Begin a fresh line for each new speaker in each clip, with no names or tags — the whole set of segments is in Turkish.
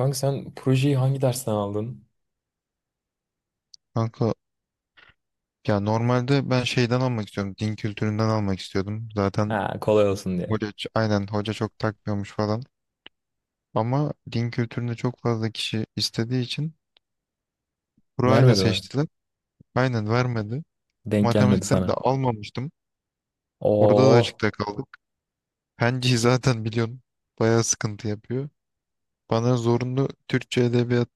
Kanka, sen projeyi hangi dersten aldın?
Kanka ya normalde ben şeyden almak istiyorum. Din kültüründen almak istiyordum. Zaten
Ha, kolay olsun diye.
hoca, aynen hoca çok takmıyormuş falan. Ama din kültüründe çok fazla kişi istediği için burayla
Vermedi mi?
seçtiler. Aynen vermedi.
Denk gelmedi
Matematikten de
sana.
almamıştım. Orada da
Oo.
açıkta kaldık. Penciyi zaten biliyorum. Bayağı sıkıntı yapıyor. Bana zorunlu Türkçe edebiyat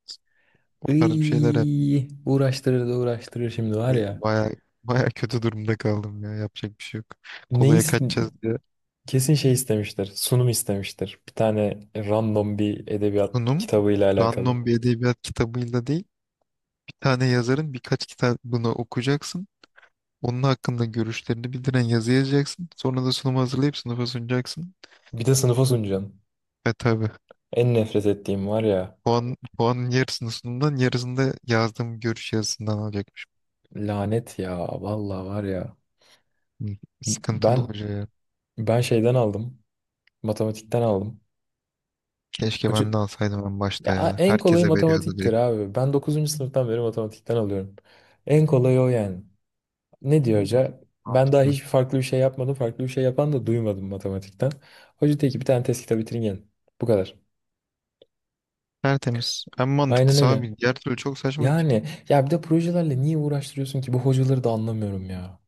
o tarz bir şeyler yaptı.
Iy, uğraştırır da uğraştırır şimdi var ya.
Bayağı bayağı kötü durumda kaldım ya. Yapacak bir şey yok.
Ne
Kolaya
is-
kaçacağız diye.
Kesin şey istemiştir. Sunum istemiştir. Bir tane random bir edebiyat
Sunum
kitabıyla alakalı.
random bir edebiyat kitabıyla değil. Tane yazarın birkaç kitabını okuyacaksın. Onun hakkında görüşlerini bildiren yazı yazacaksın. Sonra da sunumu hazırlayıp sınıfa sunacaksın.
Bir de sınıfa sunacaksın.
Ve tabii
En nefret ettiğim var ya.
puan, puanın yarısını sunumdan yarısını da yazdığım görüş yazısından alacakmış.
Lanet ya. Vallahi var ya.
Hı, sıkıntılı
Ben
hoca ya.
ben şeyden aldım. Matematikten aldım.
Keşke
Hoca
ben de alsaydım en başta
Ya
ya.
en kolayı
Herkese veriyordu
matematiktir
direkt.
abi. Ben dokuzuncu sınıftan beri matematikten alıyorum. En kolayı o yani. Ne
Hı,
diyor hoca? Ben daha
mantıklı.
hiçbir farklı bir şey yapmadım. Farklı bir şey yapan da duymadım matematikten. Hoca diyor ki bir tane test kitabı bitirin gelin. Bu kadar.
Tertemiz. En
Aynen
mantıklısı
öyle.
abi. Diğer türlü çok saçma ki.
Yani ya bir de projelerle niye uğraştırıyorsun ki? Bu hocaları da anlamıyorum ya.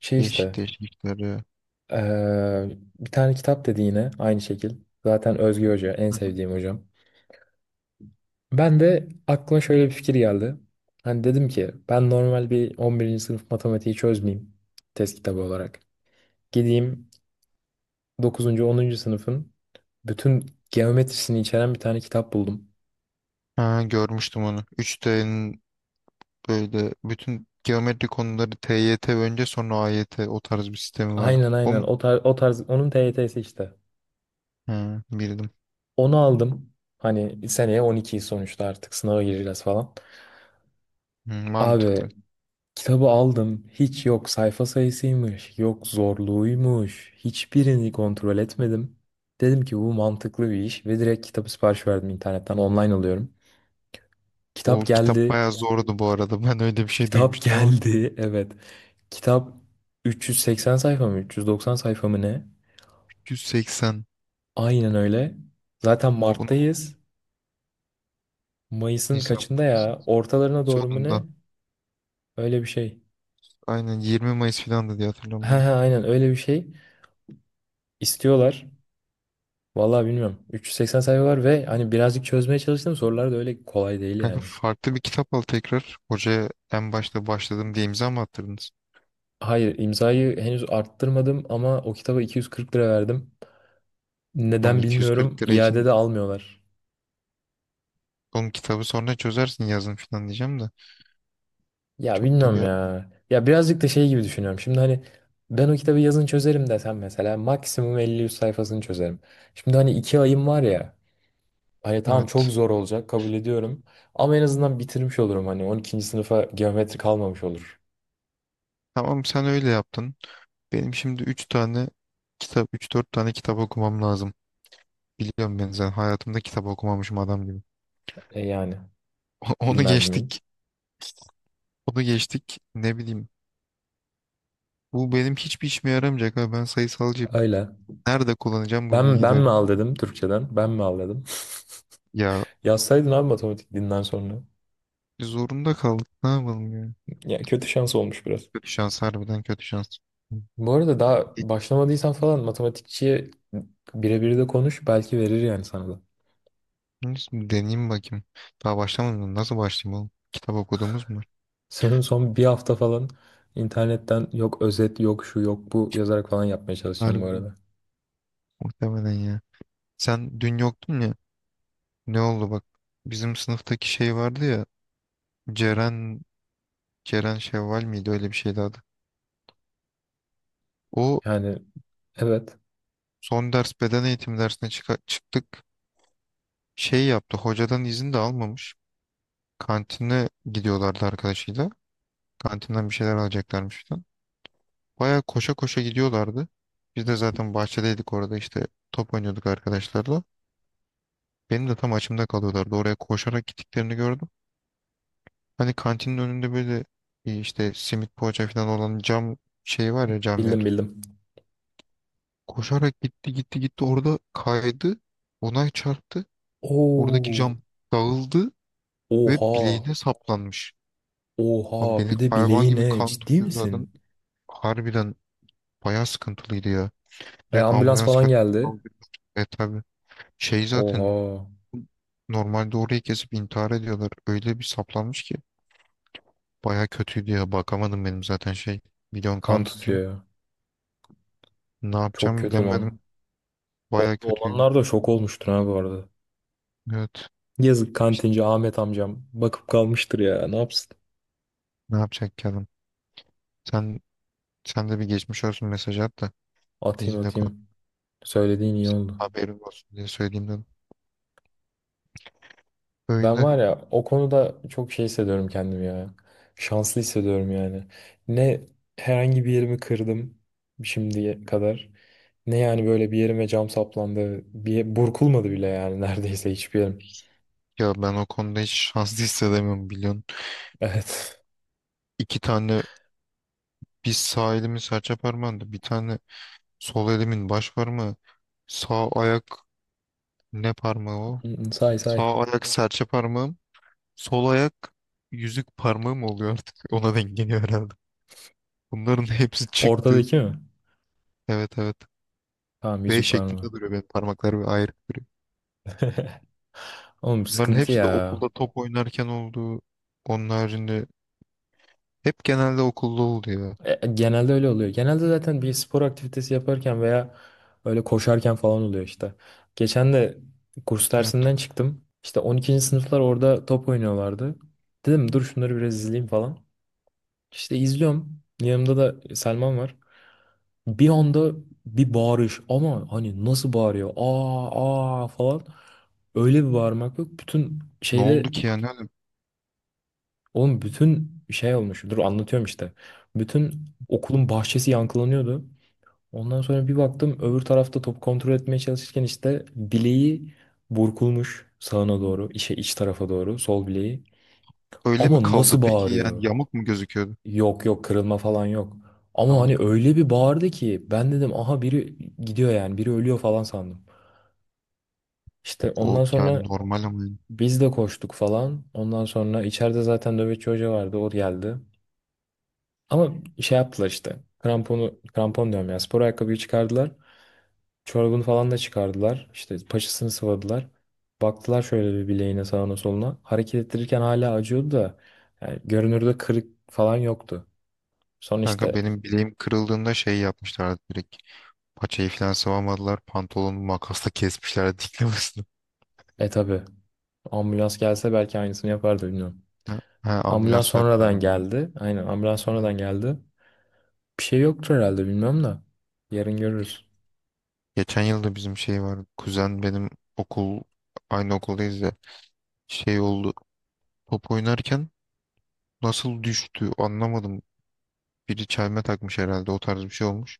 Şey
Değişik
işte
değişik işler ya.
bir tane kitap dedi yine aynı şekil. Zaten Özge Hoca en
Hı hı.
sevdiğim hocam. Ben de aklıma şöyle bir fikir geldi. Hani dedim ki ben normal bir 11. sınıf matematiği çözmeyeyim test kitabı olarak. Gideyim dokuzuncu 10. sınıfın bütün geometrisini içeren bir tane kitap buldum.
Ha, görmüştüm onu. 3D'nin böyle bütün geometri konuları T Y T önce sonra A AYT o tarz bir sistemi vardı.
Aynen
O
aynen
mu?
o tarz onun TYT'si işte.
Hı, bildim.
Onu aldım. Hani seneye 12'yi sonuçta artık sınava gireceğiz falan.
Hı, mantıklı.
Abi, kitabı aldım. Hiç yok sayfa sayısıymış, yok zorluğuymuş. Hiçbirini kontrol etmedim. Dedim ki bu mantıklı bir iş ve direkt kitabı sipariş verdim internetten. Online alıyorum. Kitap
O kitap
geldi.
bayağı ya zordu bu arada. Ben öyle bir şey
Kitap
duymuştum ama
geldi. Evet. Kitap 380 sayfa mı, 390 sayfa mı ne?
180.
Aynen öyle. Zaten
Mogul
Mart'tayız. Mayıs'ın
insan
kaçında
Mayıs
ya? Ortalarına doğru mu ne?
sonunda.
Öyle bir şey.
Aynen 20 Mayıs filandı diye hatırlıyorum
Ha
ben. De.
ha, aynen öyle bir şey. İstiyorlar. Vallahi bilmiyorum. 380 sayfa var ve hani birazcık çözmeye çalıştım. Sorular da öyle kolay değil
Kanka
yani.
farklı bir kitap al tekrar. Hocaya en başta başladım diye imza mı attırdınız?
Hayır, imzayı henüz arttırmadım ama o kitaba 240 lira verdim.
Ama
Neden bilmiyorum.
240 lira
İade
için
de almıyorlar.
onun kitabı sonra çözersin yazın filan diyeceğim de.
Ya
Çok da
bilmiyorum
bir...
ya. Ya birazcık da şey gibi düşünüyorum. Şimdi hani ben o kitabı yazın çözerim desem mesela maksimum 50-100 sayfasını çözerim. Şimdi hani 2 ayım var ya. Hani tamam, çok
Evet.
zor olacak, kabul ediyorum. Ama en azından bitirmiş olurum, hani 12. sınıfa geometri kalmamış olur.
Tamam sen öyle yaptın. Benim şimdi 3 tane kitap, üç dört tane kitap okumam lazım. Biliyorum ben zaten hayatımda kitap okumamışım adam gibi.
E yani,
Onu
bilmez miyim?
geçtik. Onu geçtik. Ne bileyim. Bu benim hiçbir işime yaramayacak abi. Ben sayısalcıyım.
Öyle.
Nerede kullanacağım bu
Ben
bilgileri?
mi al dedim Türkçeden? Ben mi al dedim?
Ya
Yazsaydın abi matematik dinden sonra.
zorunda kaldık. Ne yapalım ya?
Ya kötü şans olmuş biraz.
Kötü şans harbiden kötü şans.
Bu arada daha başlamadıysan falan matematikçiye birebir de konuş, belki verir yani sana da.
Neyse, deneyeyim bakayım. Daha başlamadım. Mı? Nasıl başlayayım oğlum? Kitap okuduğumuz mu var?
Senin son bir hafta falan internetten yok özet yok şu yok bu yazarak falan yapmaya çalışacağım bu
Harbiden.
arada.
Muhtemelen ya. Sen dün yoktun ya. Ne oldu bak. Bizim sınıftaki şey vardı ya. Ceren Ceren Şevval miydi öyle bir şeydi adı. O
Yani evet,
son ders beden eğitimi dersine çıktık. Şey yaptı hocadan izin de almamış. Kantine gidiyorlardı arkadaşıyla. Kantinden bir şeyler alacaklarmış falan. Baya koşa koşa gidiyorlardı. Biz de zaten bahçedeydik orada işte top oynuyorduk arkadaşlarla. Benim de tam açımda kalıyorlardı. Oraya koşarak gittiklerini gördüm. Hani kantinin önünde böyle işte simit poğaça falan olan cam şey var ya cam yer.
bildim bildim.
Koşarak gitti gitti gitti orada kaydı. Ona çarptı. Oradaki
Oo.
cam dağıldı ve
Oha,
bileğine saplanmış. Abi
oha,
beni
bir de
hayvan
bileği,
gibi
ne,
kan
ciddi
tutuyor zaten.
misin?
Harbiden bayağı sıkıntılıydı ya.
E,
Direkt
ambulans
ambulans
falan
geldi.
geldi.
E tabi. Şey zaten
Oha,
normalde orayı kesip intihar ediyorlar. Öyle bir saplanmış ki. Bayağı kötüydü ya. Bakamadım benim zaten şey. Milyon
kan
kan tutuyor.
tutuyor.
Ne
Çok
yapacağımı
kötü lan.
bilemedim.
Orada
Bayağı kötüydü.
olanlar da şok olmuştur ha bu arada.
Evet.
Yazık,
İşte
kantinci Ahmet amcam bakıp kalmıştır ya. Ne yapsın?
ne yapacak ki adam? Sen, sen de bir geçmiş olsun mesaj at da.
Atayım
Bizimle konuş.
atayım. Söylediğin iyi oldu.
Haberin olsun diye söyleyeyim dedim.
Ben
Öyle.
var ya, o konuda çok şey hissediyorum kendimi ya. Şanslı hissediyorum yani. Ne herhangi bir yerimi kırdım şimdiye kadar. Ne yani, böyle bir yerime cam saplandı. Bir burkulmadı bile yani neredeyse hiçbir yerim.
Ya ben o konuda hiç şanslı hissedemiyorum biliyorsun.
Evet.
İki tane bir sağ elimin serçe parmağında bir tane sol elimin baş parmağı. Sağ ayak ne parmağı o?
Say say.
Sağ ayak serçe parmağım. Sol ayak yüzük parmağım oluyor artık. Ona denk geliyor herhalde. Bunların hepsi çıktı.
Ortadaki mi?
Evet evet.
Tamam,
V
yüzük parmağı.
şeklinde duruyor benim parmaklarım ayrı duruyor.
Oğlum
Bunların
sıkıntı
hepsi de
ya.
okulda top oynarken oldu. Onun haricinde hep genelde okulda oldu ya.
E, genelde öyle oluyor. Genelde zaten bir spor aktivitesi yaparken veya öyle koşarken falan oluyor işte. Geçen de kurs
Evet.
dersinden çıktım. İşte 12. sınıflar orada top oynuyorlardı. Dedim dur şunları biraz izleyeyim falan. İşte izliyorum. Yanımda da Selman var. Bir anda bir bağırış, ama hani nasıl bağırıyor? Aa aa falan. Öyle bir bağırmak yok. Bütün
Ne
şeyde,
oldu ki yani?
oğlum bütün şey olmuş. Dur anlatıyorum işte. Bütün okulun bahçesi yankılanıyordu. Ondan sonra bir baktım, öbür tarafta top kontrol etmeye çalışırken işte bileği burkulmuş sağına doğru, işe iç tarafa doğru sol bileği.
Öyle mi
Ama
kaldı
nasıl
peki
bağırıyor?
yani yamuk mu gözüküyordu?
Yok yok, kırılma falan yok. Ama hani
Tamam.
öyle bir bağırdı ki ben dedim aha biri gidiyor yani, biri ölüyor falan sandım. İşte
O
ondan
yani
sonra
normal ama yani.
biz de koştuk falan. Ondan sonra içeride zaten nöbetçi hoca vardı, o geldi. Ama şey yaptılar, işte kramponu, krampon diyorum ya, spor ayakkabıyı çıkardılar. Çorabını falan da çıkardılar. İşte paçasını sıvadılar. Baktılar şöyle bir bileğine, sağına soluna. Hareket ettirirken hala acıyordu da yani görünürde kırık falan yoktu. Sonra
Kanka
işte,
benim bileğim kırıldığında şey yapmışlardı direkt. Paçayı falan sıvamadılar. Pantolonumu makasla kesmişlerdi diklemesine.
e tabi, ambulans gelse belki aynısını yapardı bilmiyorum.
Ha, ha
Ambulans
ambulansla yaptılar
sonradan
bana. Da.
geldi. Aynen, ambulans
Ha.
sonradan geldi. Bir şey yoktur herhalde, bilmiyorum da. Yarın görürüz.
Geçen yılda bizim şey var kuzen benim okul aynı okuldayız ya. Şey oldu. Top oynarken nasıl düştü anlamadım. Biri çelme takmış herhalde o tarz bir şey olmuş.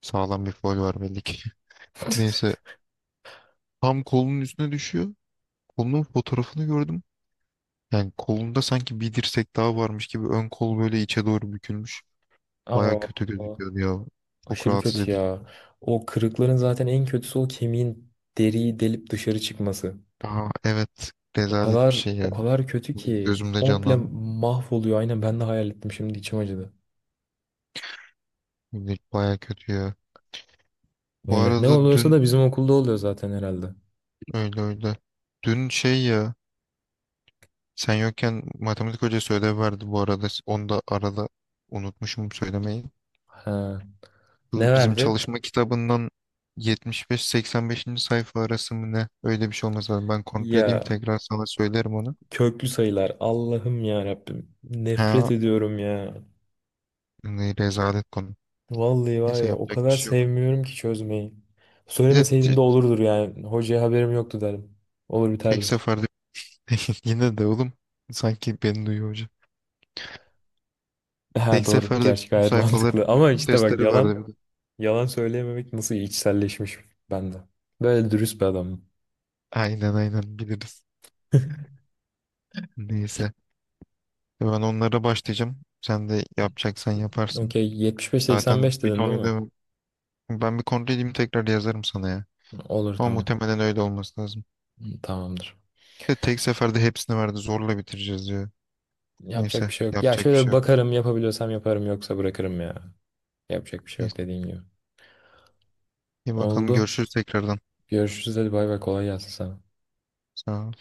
Sağlam bir faul var belli ki. Neyse tam kolunun üstüne düşüyor. Kolunun fotoğrafını gördüm. Yani kolunda sanki bir dirsek daha varmış gibi ön kol böyle içe doğru bükülmüş. Baya
Aa,
kötü gözüküyordu ya. Çok
aşırı
rahatsız
kötü
edici.
ya. O kırıkların zaten en kötüsü, o kemiğin deriyi delip dışarı çıkması.
Aa evet.
O
Rezalet bir
kadar
şey
o
yani.
kadar kötü ki,
Gözümde
komple
canlandı.
mahvoluyor. Aynen, ben de hayal ettim şimdi, içim acıdı.
Baya kötü ya. Bu
Öyle. Ne
arada
oluyorsa
dün
da bizim okulda oluyor zaten herhalde.
öyle öyle. Dün şey ya. Sen yokken matematik hocası ödev verdi bu arada. Onu da arada unutmuşum söylemeyi.
Ha. Ne
Bu bizim
verdi?
çalışma kitabından 75-85. Sayfa arası mı ne? Öyle bir şey olmaz lazım. Ben kontrol edeyim
Ya,
tekrar sana söylerim onu.
köklü sayılar. Allah'ım ya Rabbim. Nefret
Ha,
ediyorum ya.
ne rezalet konu.
Vallahi var
Neyse
ya, o
yapacak bir
kadar
şey yok.
sevmiyorum ki çözmeyi.
Bir de
Söylemeseydin de olurdur yani. Hocaya haberim yoktu derim. Olur
tek
biterdi.
seferde yine de oğlum sanki beni duyuyor hoca.
Ha,
Tek
doğru.
seferde
Gerçi
bütün
gayet
sayfalar,
mantıklı. Ama
bütün
işte bak,
testleri verdi.
yalan
Bir de.
yalan söyleyememek nasıl içselleşmiş bende. Böyle dürüst bir adam.
Aynen aynen biliriz. Neyse. Ben onlara başlayacağım. Sen de yapacaksan yaparsın.
Okey,
Zaten
75-85
bir
dedin
ton
değil mi?
ödevim. Ben bir kontrol edeyim tekrar yazarım sana ya.
Olur,
Ama
tamam.
muhtemelen öyle olması lazım.
Tamamdır.
Ve tek seferde hepsini verdi. Zorla bitireceğiz diyor.
Yapacak bir
Neyse
şey yok. Ya
yapacak bir
şöyle
şey
bir
yok.
bakarım, yapabiliyorsam yaparım, yoksa bırakırım ya. Yapacak bir şey yok,
Neyse.
dediğin gibi.
İyi bakalım
Oldu.
görüşürüz tekrardan.
Görüşürüz, hadi bay bay, kolay gelsin sana.
Sağ ol.